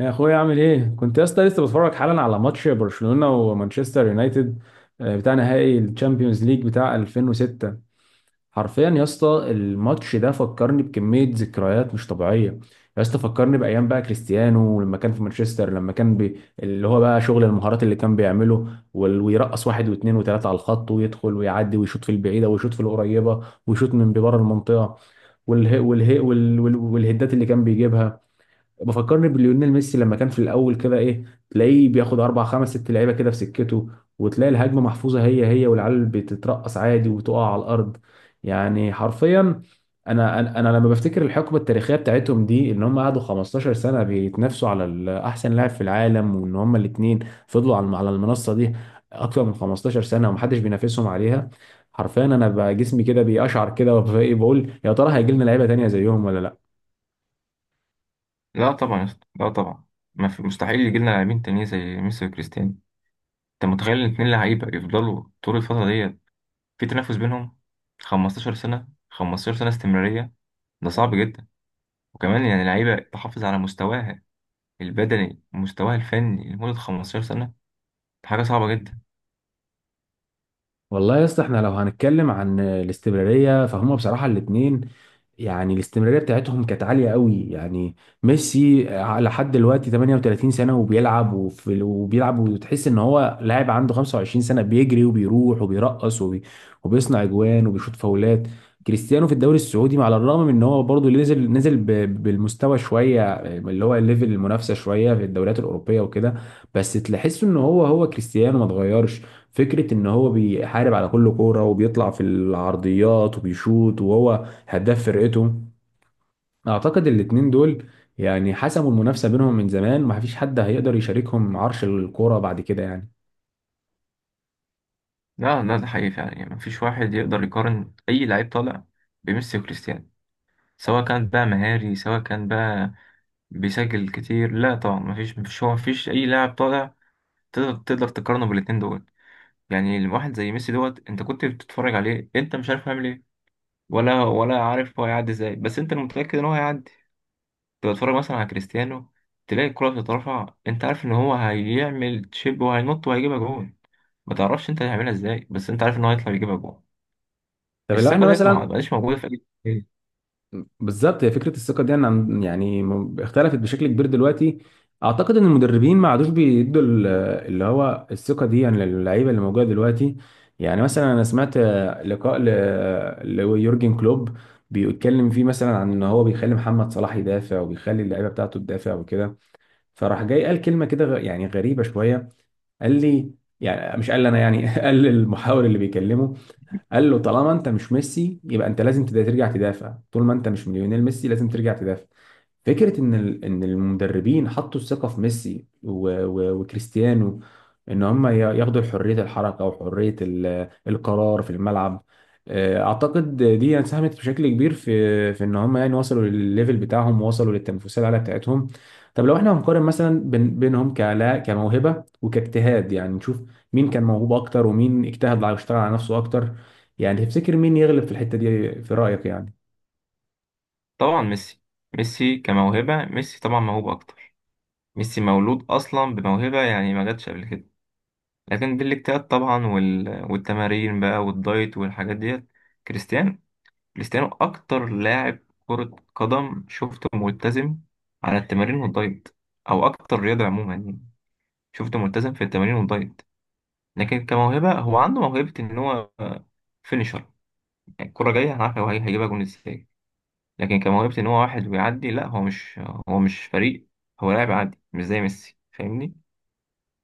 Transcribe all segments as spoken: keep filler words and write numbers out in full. يا اخويا عامل ايه؟ كنت يا اسطى لسه بتفرج حالا على ماتش برشلونة ومانشستر يونايتد. آه، بتاع نهائي الشامبيونز ليج بتاع ألفين وستة. حرفيا يا اسطى الماتش ده فكرني بكمية ذكريات مش طبيعية. يا اسطى فكرني بايام بقى كريستيانو لما كان في مانشستر، لما كان بي... اللي هو بقى شغل المهارات اللي كان بيعمله، وال- ويرقص واحد واثنين وثلاثة على الخط ويدخل ويعدي ويشوط في البعيدة ويشوط في القريبة ويشوط من بره المنطقة، والهي والهي وال- وال- والهدات اللي كان بيجيبها. بفكرني بليونيل ميسي لما كان في الاول كده، ايه، تلاقيه بياخد اربع خمس ست لعيبه كده في سكته، وتلاقي الهجمه محفوظه هي هي والعيال بتترقص عادي وتقع على الارض. يعني حرفيا، انا انا أنا لما بفتكر الحقبه التاريخيه بتاعتهم دي ان هم قعدوا خمستاشر سنه بيتنافسوا على ال- احسن لاعب في العالم، وان هم الاثنين فضلوا على على المنصه دي اكتر من خمستاشر سنه ومحدش بينافسهم عليها. حرفيا انا بقى جسمي كده بيقشعر كده وبقول يا ترى هيجي لنا لعيبه تانيه زيهم ولا لا؟ لا طبعا يا اسطى، لا طبعا. ما في مستحيل يجي لنا لاعبين تانيين زي ميسي وكريستيانو. انت متخيل الاتنين لعيبه يفضلوا طول الفتره ديت في تنافس بينهم؟ خمسة عشر سنه، خمستاشر سنه استمراريه. ده صعب جدا. وكمان يعني لعيبه تحافظ على مستواها البدني ومستواها الفني لمده خمسة عشر سنه. دي حاجه صعبه جدا. والله يا اسطى احنا لو هنتكلم عن الاستمراريه فهم بصراحه الاثنين، يعني الاستمراريه بتاعتهم كانت عاليه قوي يعني. ميسي على حد دلوقتي ثمانية عشر سنه وبيلعب وفي وبيلعب وتحس ان هو لاعب عنده خمسة وعشرين سنه، بيجري وبيروح وبيرقص وبي وبيصنع اجوان وبيشوط فاولات. كريستيانو في الدوري السعودي، على الرغم من ان هو برضه نزل نزل ب- بالمستوى شويه، اللي هو الليفل المنافسه شويه في الدوريات الاوروبيه وكده، بس تحس ان هو هو كريستيانو ما اتغيرش. فكرة ان هو بيحارب على كل كورة وبيطلع في العرضيات وبيشوط، وهو هداف فرقته. اعتقد الاتنين دول يعني حسموا المنافسة بينهم من زمان، ومفيش حد هيقدر يشاركهم عرش الكورة بعد كده يعني. لا، لا، ده حقيقي فعلا. يعني مفيش واحد يقدر يقارن اي لعيب طالع بميسي وكريستيانو. سواء كان بقى مهاري، سواء كان بقى بيسجل كتير. لا طبعا، مفيش مفيش هو مفيش اي لاعب طالع. تقدر تقدر تقارنه بالاتنين دول. يعني واحد زي ميسي دوت، انت كنت بتتفرج عليه انت مش عارف هيعمل ايه. ولا ولا عارف هو هيعدي ازاي، بس انت متأكد ان هو هيعدي. تبقى تتفرج مثلا على كريستيانو، تلاقي الكرة بتترفع انت عارف ان هو هيعمل تشيب وهينط وهيجيبها جون. ما تعرفش انت هيعملها ازاي، بس انت عارف ان هو هيطلع يجيبها جون. طب لو احنا الثقة ديت ما مثلا. بقاش موجودة في اي لعيب. بالظبط، هي فكره الثقه دي انا عن- يعني م- اختلفت بشكل كبير دلوقتي. اعتقد ان المدربين ما عادوش بيدوا ال- اللي هو الثقه دي يعني للعيبه اللي موجوده دلوقتي. يعني مثلا انا سمعت آه، لقاء ل- ليورجن كلوب بيتكلم فيه مثلا عن ان هو بيخلي محمد صلاح يدافع وبيخلي اللعيبه بتاعته تدافع وكده، فراح جاي قال كلمه كده غ- يعني غريبه شويه، قال لي، يعني مش قال لي انا يعني قال للمحاور اللي بيكلمه، قال له: طالما انت مش ميسي يبقى انت لازم تدا- ترجع تدافع، طول ما انت مش ليونيل ميسي لازم ترجع تدافع. فكره ان ال- ان المدربين حطوا الثقه في ميسي و- و- وكريستيانو، ان هم ي- ياخدوا حريه الحركه وحريه ال- القرار في الملعب. آه، اعتقد دي ساهمت بشكل كبير في في ان هم يعني وصلوا للليفل بتاعهم ووصلوا للتنافسيه العاليه بتاعتهم. طب لو احنا هنقارن مثلا بين- بينهم كلا كموهبه وكاجتهاد، يعني نشوف مين كان موهوب اكتر ومين اجتهد على- واشتغل على نفسه اكتر. يعني تفتكر مين يغلب في الحتة دي في رأيك يعني؟ طبعا ميسي ميسي كموهبة، ميسي طبعا موهوب اكتر. ميسي مولود اصلا بموهبة، يعني ما جاتش قبل كده. لكن بالاجتهاد طبعا وال... والتمارين بقى والدايت والحاجات ديت. كريستيانو كريستيانو اكتر لاعب كرة قدم شفته ملتزم على التمارين والدايت. او اكتر رياضة عموما يعني. شفته ملتزم في التمارين والدايت. لكن كموهبة هو عنده موهبة ان هو فينيشر. يعني الكرة جاية، انا عارف هو هي- هيجيبها جون ازاي. لكن كموهبة ان هو واحد ويعدي، لا هو مش هو مش فريق. هو لاعب عادي مش زي ميسي، فاهمني؟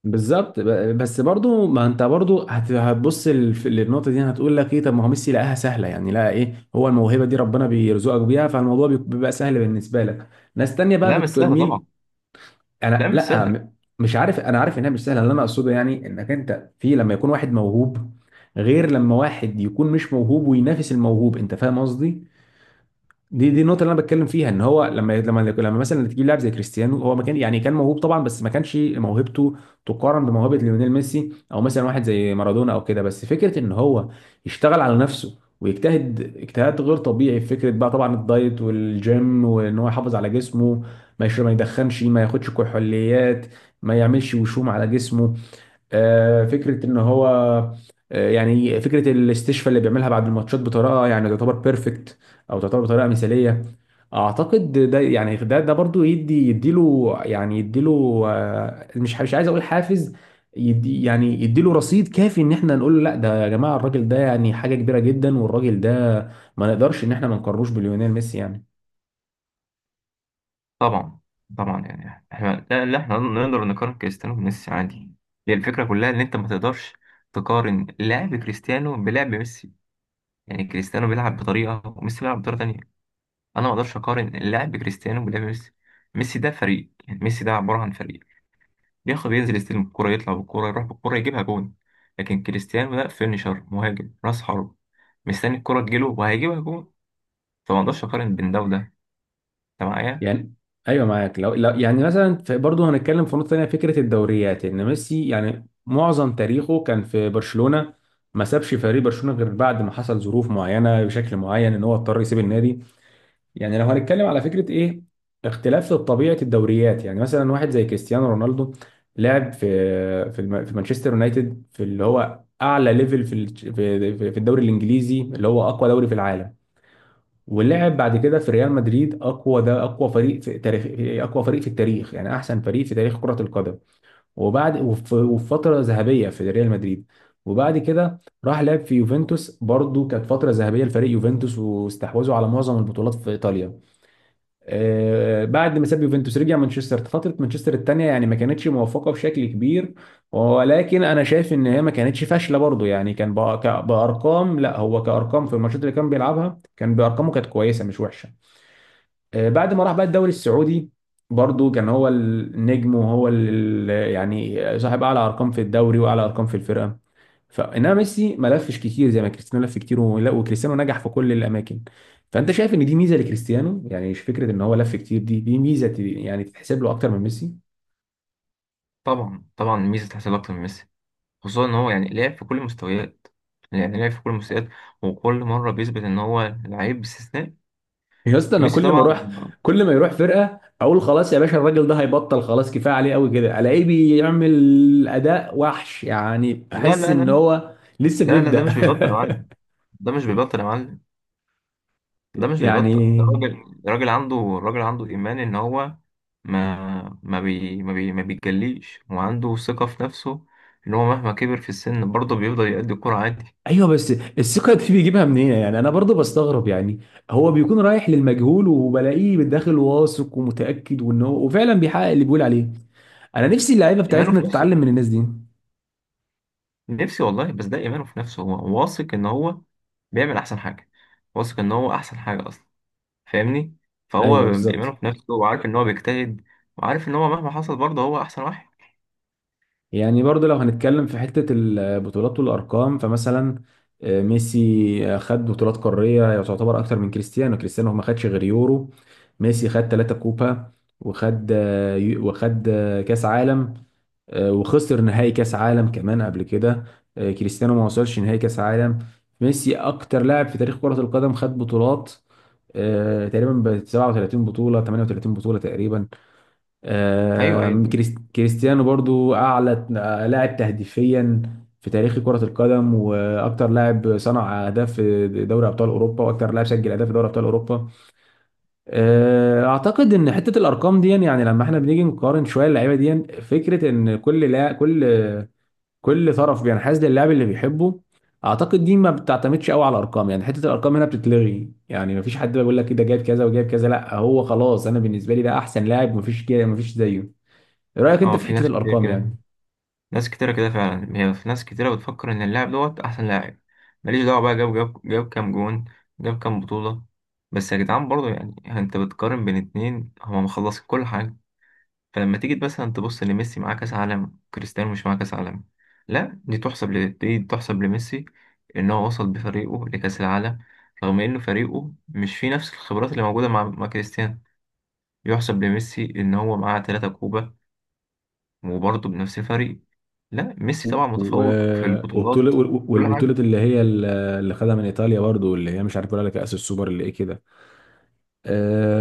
بالظبط، ب- بس برضو ما انت برضو هت- هتبص للف- للنقطة دي، هتقول لك ايه، طب ما هو ميسي لقاها سهلة، يعني لقى ايه، هو الموهبة دي ربنا بيرزقك بيها، فالموضوع بيك- بيبقى سهل بالنسبة لك. ناس تانية بقى لا، مش سهل طبعا. بالترميل. لا، انا مش لا، سهل. م- مش عارف، انا عارف انها مش سهلة، اللي انا اقصده يعني انك انت في لما يكون واحد موهوب غير لما واحد يكون مش موهوب وينافس الموهوب، انت فاهم قصدي. دي دي النقطة اللي أنا بتكلم فيها، إن هو لما لما لما مثلا تجيب لاعب زي كريستيانو، هو ما كان، يعني كان موهوب طبعا، بس ما كانش موهبته تقارن بموهبة ليونيل ميسي، أو مثلا واحد زي مارادونا أو كده، بس فكرة إن هو يشتغل على نفسه ويجتهد اجتهاد غير طبيعي في فكرة بقى طبعا الدايت والجيم، وإن هو يحافظ على جسمه، ما يشرب، ما يدخنش، ما ياخدش كحوليات، ما يعملش وشوم على جسمه. آه، فكره ان هو، آه، يعني فكره الاستشفاء اللي بيعملها بعد الماتشات بطريقه يعني تعتبر بيرفكت، او تعتبر بطريقه مثاليه. اعتقد ده يعني ده ده برضو يدي يديله يعني يديله، آه، مش مش عايز اقول حافز، يدي يعني يديله رصيد كافي ان احنا نقول له: لا، ده يا جماعه الراجل ده يعني حاجه كبيره جدا، والراجل ده ما نقدرش ان احنا ما نقارنوش بليونيل ميسي يعني. طبعا، طبعا. يعني احنا، لا، لا، احنا نقدر نقارن كريستيانو بميسي عادي. هي الفكره كلها ان انت ما تقدرش تقارن لعب كريستيانو بلعب ميسي. يعني كريستيانو بيلعب بطريقه وميسي بيلعب بطريقه تانية. انا ما اقدرش اقارن لعب كريستيانو بلعب ميسي. ميسي ده فريق، يعني ميسي ده عباره عن فريق. بياخد ينزل يستلم الكوره يطلع بالكوره يروح بالكوره يجيبها جون. لكن كريستيانو ده فينيشر، مهاجم راس حرب. مستني الكوره تجيله وهيجيبها جون. فما اقدرش اقارن بين ده وده. انت معايا؟ يعني ايوه معاك. لو, لو يعني مثلا في- برضه هنتكلم في نقطه ثانيه فكره الدوريات، ان ميسي يعني معظم تاريخه كان في برشلونه، ما سابش فريق برشلونه غير بعد ما حصل ظروف معينه بشكل معين ان هو اضطر يسيب النادي. يعني لو هنتكلم على فكره ايه، اختلاف في طبيعه الدوريات، يعني مثلا واحد زي كريستيانو رونالدو لعب في في, الم- في مانشستر يونايتد في اللي هو اعلى ليفل في الج- في في الدوري الانجليزي اللي هو اقوى دوري في العالم، ولعب بعد كده في ريال مدريد، اقوى، ده اقوى فريق في تاريخ، في- اقوى فريق في التاريخ، يعني احسن فريق في تاريخ كرة القدم، وبعد وف- وفي فترة ذهبية في ريال مدريد، وبعد كده راح لعب في يوفنتوس، برضو كانت فترة ذهبية لفريق يوفنتوس، واستحوذوا على معظم البطولات في ايطاليا. آه، بعد ما ساب يوفنتوس رجع مانشستر، فترة مانشستر الثانية يعني ما كانتش موفقة بشكل كبير، ولكن انا شايف ان هي ما كانتش فاشله برضو، يعني كان بأ- ك- بارقام، لا هو كارقام في الماتشات اللي كان بيلعبها كان بارقامه كانت كويسه مش وحشه. آه، بعد ما راح بقى الدوري السعودي، برضو كان هو النجم وهو ال- يعني صاحب اعلى ارقام في الدوري واعلى ارقام في الفرقه. فانما ميسي ما لفش كتير زي ما كريستيانو لف كتير، ولا- وكريستيانو نجح في كل الاماكن، فانت شايف ان دي ميزه لكريستيانو، يعني مش فكره ان هو لف كتير، دي دي ميزه ت- يعني تتحسب له اكتر من ميسي. طبعا، طبعا. ميسي تحصل اكتر من ميسي. خصوصا ان هو يعني لعب في كل المستويات، يعني لعب في كل المستويات. وكل مره بيثبت ان هو لعيب استثنائي. يا اسطى انا ميسي كل ما طبعا. اروح، كل ما يروح فرقه اقول خلاص يا باشا الراجل ده هيبطل، خلاص كفايه عليه قوي كده، الاقيه بيعمل اداء وحش، يعني لا، احس لا، لا، ان هو لسه لا، لا، ده بيبدأ. مش بيبطل يا معلم. ده مش بيبطل يا معلم. ده مش بيبطل. ده يعني راجل راجل عنده راجل عنده ايمان ان هو ما ما بي ما بي ما بيتجليش وعنده ثقه في نفسه. ان هو مهما كبر في السن برضه بيفضل يأدي الكرة عادي. ايوه، بس الثقه دي بيجيبها منين يعني؟ انا برضو بستغرب يعني، هو بيكون رايح للمجهول وبلاقيه بالداخل واثق ومتاكد، وان هو وفعلا بيحقق اللي بيقول عليه. انا نفسي اللعيبه ايمانه بتاعتنا في نفسه. تتعلم من الناس دي. نفسي والله، بس ده ايمانه في نفسه، هو واثق ان هو بيعمل احسن حاجه. واثق ان هو احسن حاجه اصلا. فاهمني؟ فهو ايوه بإيمانه بالظبط. في نفسه وعارف إن هو بيجتهد. وعارف إن هو مهما حصل برضه هو أحسن واحد. يعني برضو لو هنتكلم في حته البطولات والارقام، فمثلا آه، ميسي آه، خد بطولات قاريه تعتبر اكتر من كريستيانو، كريستيانو ما خدش غير يورو، ميسي خد ثلاثة كوبا، وخد آه، يو- وخد آه، كاس عالم، آه، وخسر نهائي كاس عالم كمان قبل كده. آه، كريستيانو ما وصلش نهائي كاس عالم. ميسي اكتر لاعب في تاريخ كرة القدم خد بطولات، آه، تقريبا ب سبعة وتلاتين بطولة ثمانية وثلاثين بطولة تقريبا. أيوه، آه، أيوه. كريس- كريستيانو برضو اعلى آه، لاعب تهديفيا في تاريخ كرة القدم، واكتر لاعب صنع اهداف في دوري ابطال اوروبا، واكتر لاعب سجل اهداف في دوري ابطال اوروبا. آه، اعتقد ان حته الارقام دي، يعني لما احنا بنيجي نقارن شويه اللعيبه دي، فكره ان كل لا كل، كل طرف بينحاز للاعب اللي بيحبه. اعتقد دي ما بتعتمدش قوي على الارقام، يعني حته الارقام هنا بتتلغي، يعني ما فيش حد بيقول لك إيه ده جايب كذا وجايب كذا، لا هو خلاص انا بالنسبه لي ده احسن لاعب ما فيش ما فيش زيه. ايه رايك انت أه، في في حته ناس كتير الارقام كده. يعني؟ ناس كتيرة كده فعلا، هي في ناس كتيرة بتفكر إن اللاعب دوت أحسن لاعب. ماليش دعوة بقى، جاب جاب جاب كام جون. جاب كام بطولة. بس يا جدعان برضه، يعني أنت بتقارن بين اتنين هما مخلصين كل حاجة. فلما تيجي مثلا تبص ان ميسي معاه كاس عالم، كريستيانو مش معاه كاس عالم. لا، دي تحسب ل... دي تحسب لميسي. ان هو وصل بفريقه لكاس العالم. رغم انه فريقه مش فيه نفس الخبرات اللي موجوده مع, مع كريستيانو. يحسب لميسي ان هو معاه ثلاثة كوبا. وبرضه بنفس الفريق. لا ميسي طبعا و... متفوق في وبطوله، البطولات. كل حاجه. والبطوله اللي هي ال- اللي خدها من ايطاليا برضو، اللي هي مش عارف ولا كاس السوبر اللي ايه كده.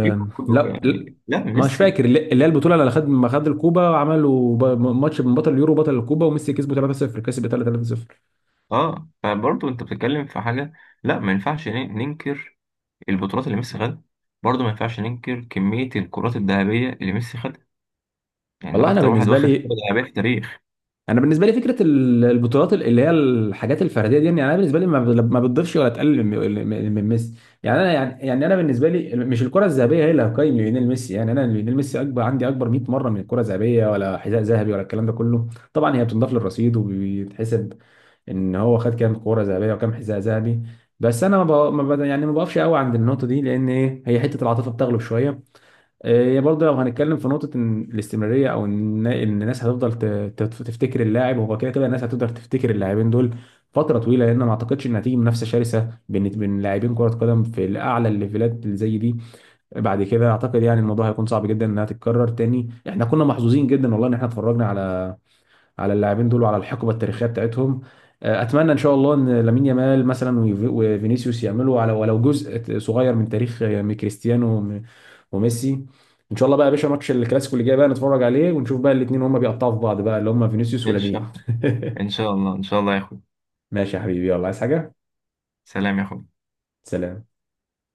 بيجيب كله لا لا، يعني، لا مش ميسي. فاكر اللي اللي هي البطوله اللي خد، ما خد الكوبا عملوا ب- ماتش من بطل اليورو بطل الكوبا وميسي كسبه تلاتة صفر، كسب ايطاليا تلاتة صفر. اه، فبرضه انت بتتكلم في حاجه. لا، ما ينفعش ننكر البطولات اللي ميسي خدها. برضه ما ينفعش ننكر كمية الكرات الذهبية اللي ميسي خدها. يعني ده والله انا أكتر واحد بالنسبه واخد كرة لي، ذهبية في التاريخ. انا بالنسبه لي فكره ال- البطولات ال- اللي هي الحاجات الفرديه دي يعني انا بالنسبه لي ما ب- ما بتضيفش ولا تقلل من من- من ميسي، يعني انا يعني يعني انا بالنسبه لي مش الكره الذهبيه هي اللي هتقيم ليونيل ميسي. يعني انا ليونيل ميسي اكبر عندي، اكبر مائة مره من الكره الذهبيه ولا حذاء ذهبي ولا الكلام ده كله. طبعا هي بتنضاف للرصيد وبيتحسب ان هو خد كام كره ذهبيه وكام حذاء ذهبي، بس انا ما ب... ما ب... يعني ما بقفش قوي عند النقطه دي، لان ايه، هي حته العاطفه بتغلب شويه. هي برضه لو هنتكلم في نقطة إن الاستمرارية، أو إن إن الناس هتفضل ت- ت- تفتكر اللاعب، هو كده كده الناس هتقدر تفتكر اللاعبين دول فترة طويلة، لأن ما أعتقدش إن هتيجي منافسة شرسة بين بين لاعبين كرة قدم في الأعلى الليفلات اللي زي دي. بعد كده أعتقد يعني الموضوع هيكون صعب جدا إنها تتكرر تاني. إحنا كنا محظوظين جدا والله إن إحنا اتفرجنا على على اللاعبين دول وعلى الحقبة التاريخية بتاعتهم. آه، أتمنى إن شاء الله إن لامين يامال مثلا وفي- وفينيسيوس يعملوا على ولو جزء صغير من تاريخ آه، كريستيانو وميسي. ان شاء الله بقى يا باشا ماتش الكلاسيكو اللي جاي بقى نتفرج عليه ونشوف بقى الاثنين هما بيقطعوا في بعض بقى، اللي هما فينيسيوس ماشي يا ولامين. أحمد. ان شاء الله، ان شاء الله يا اخوي. ماشي يا حبيبي، يلا، عايز حاجة؟ سلام يا اخوي. سلام.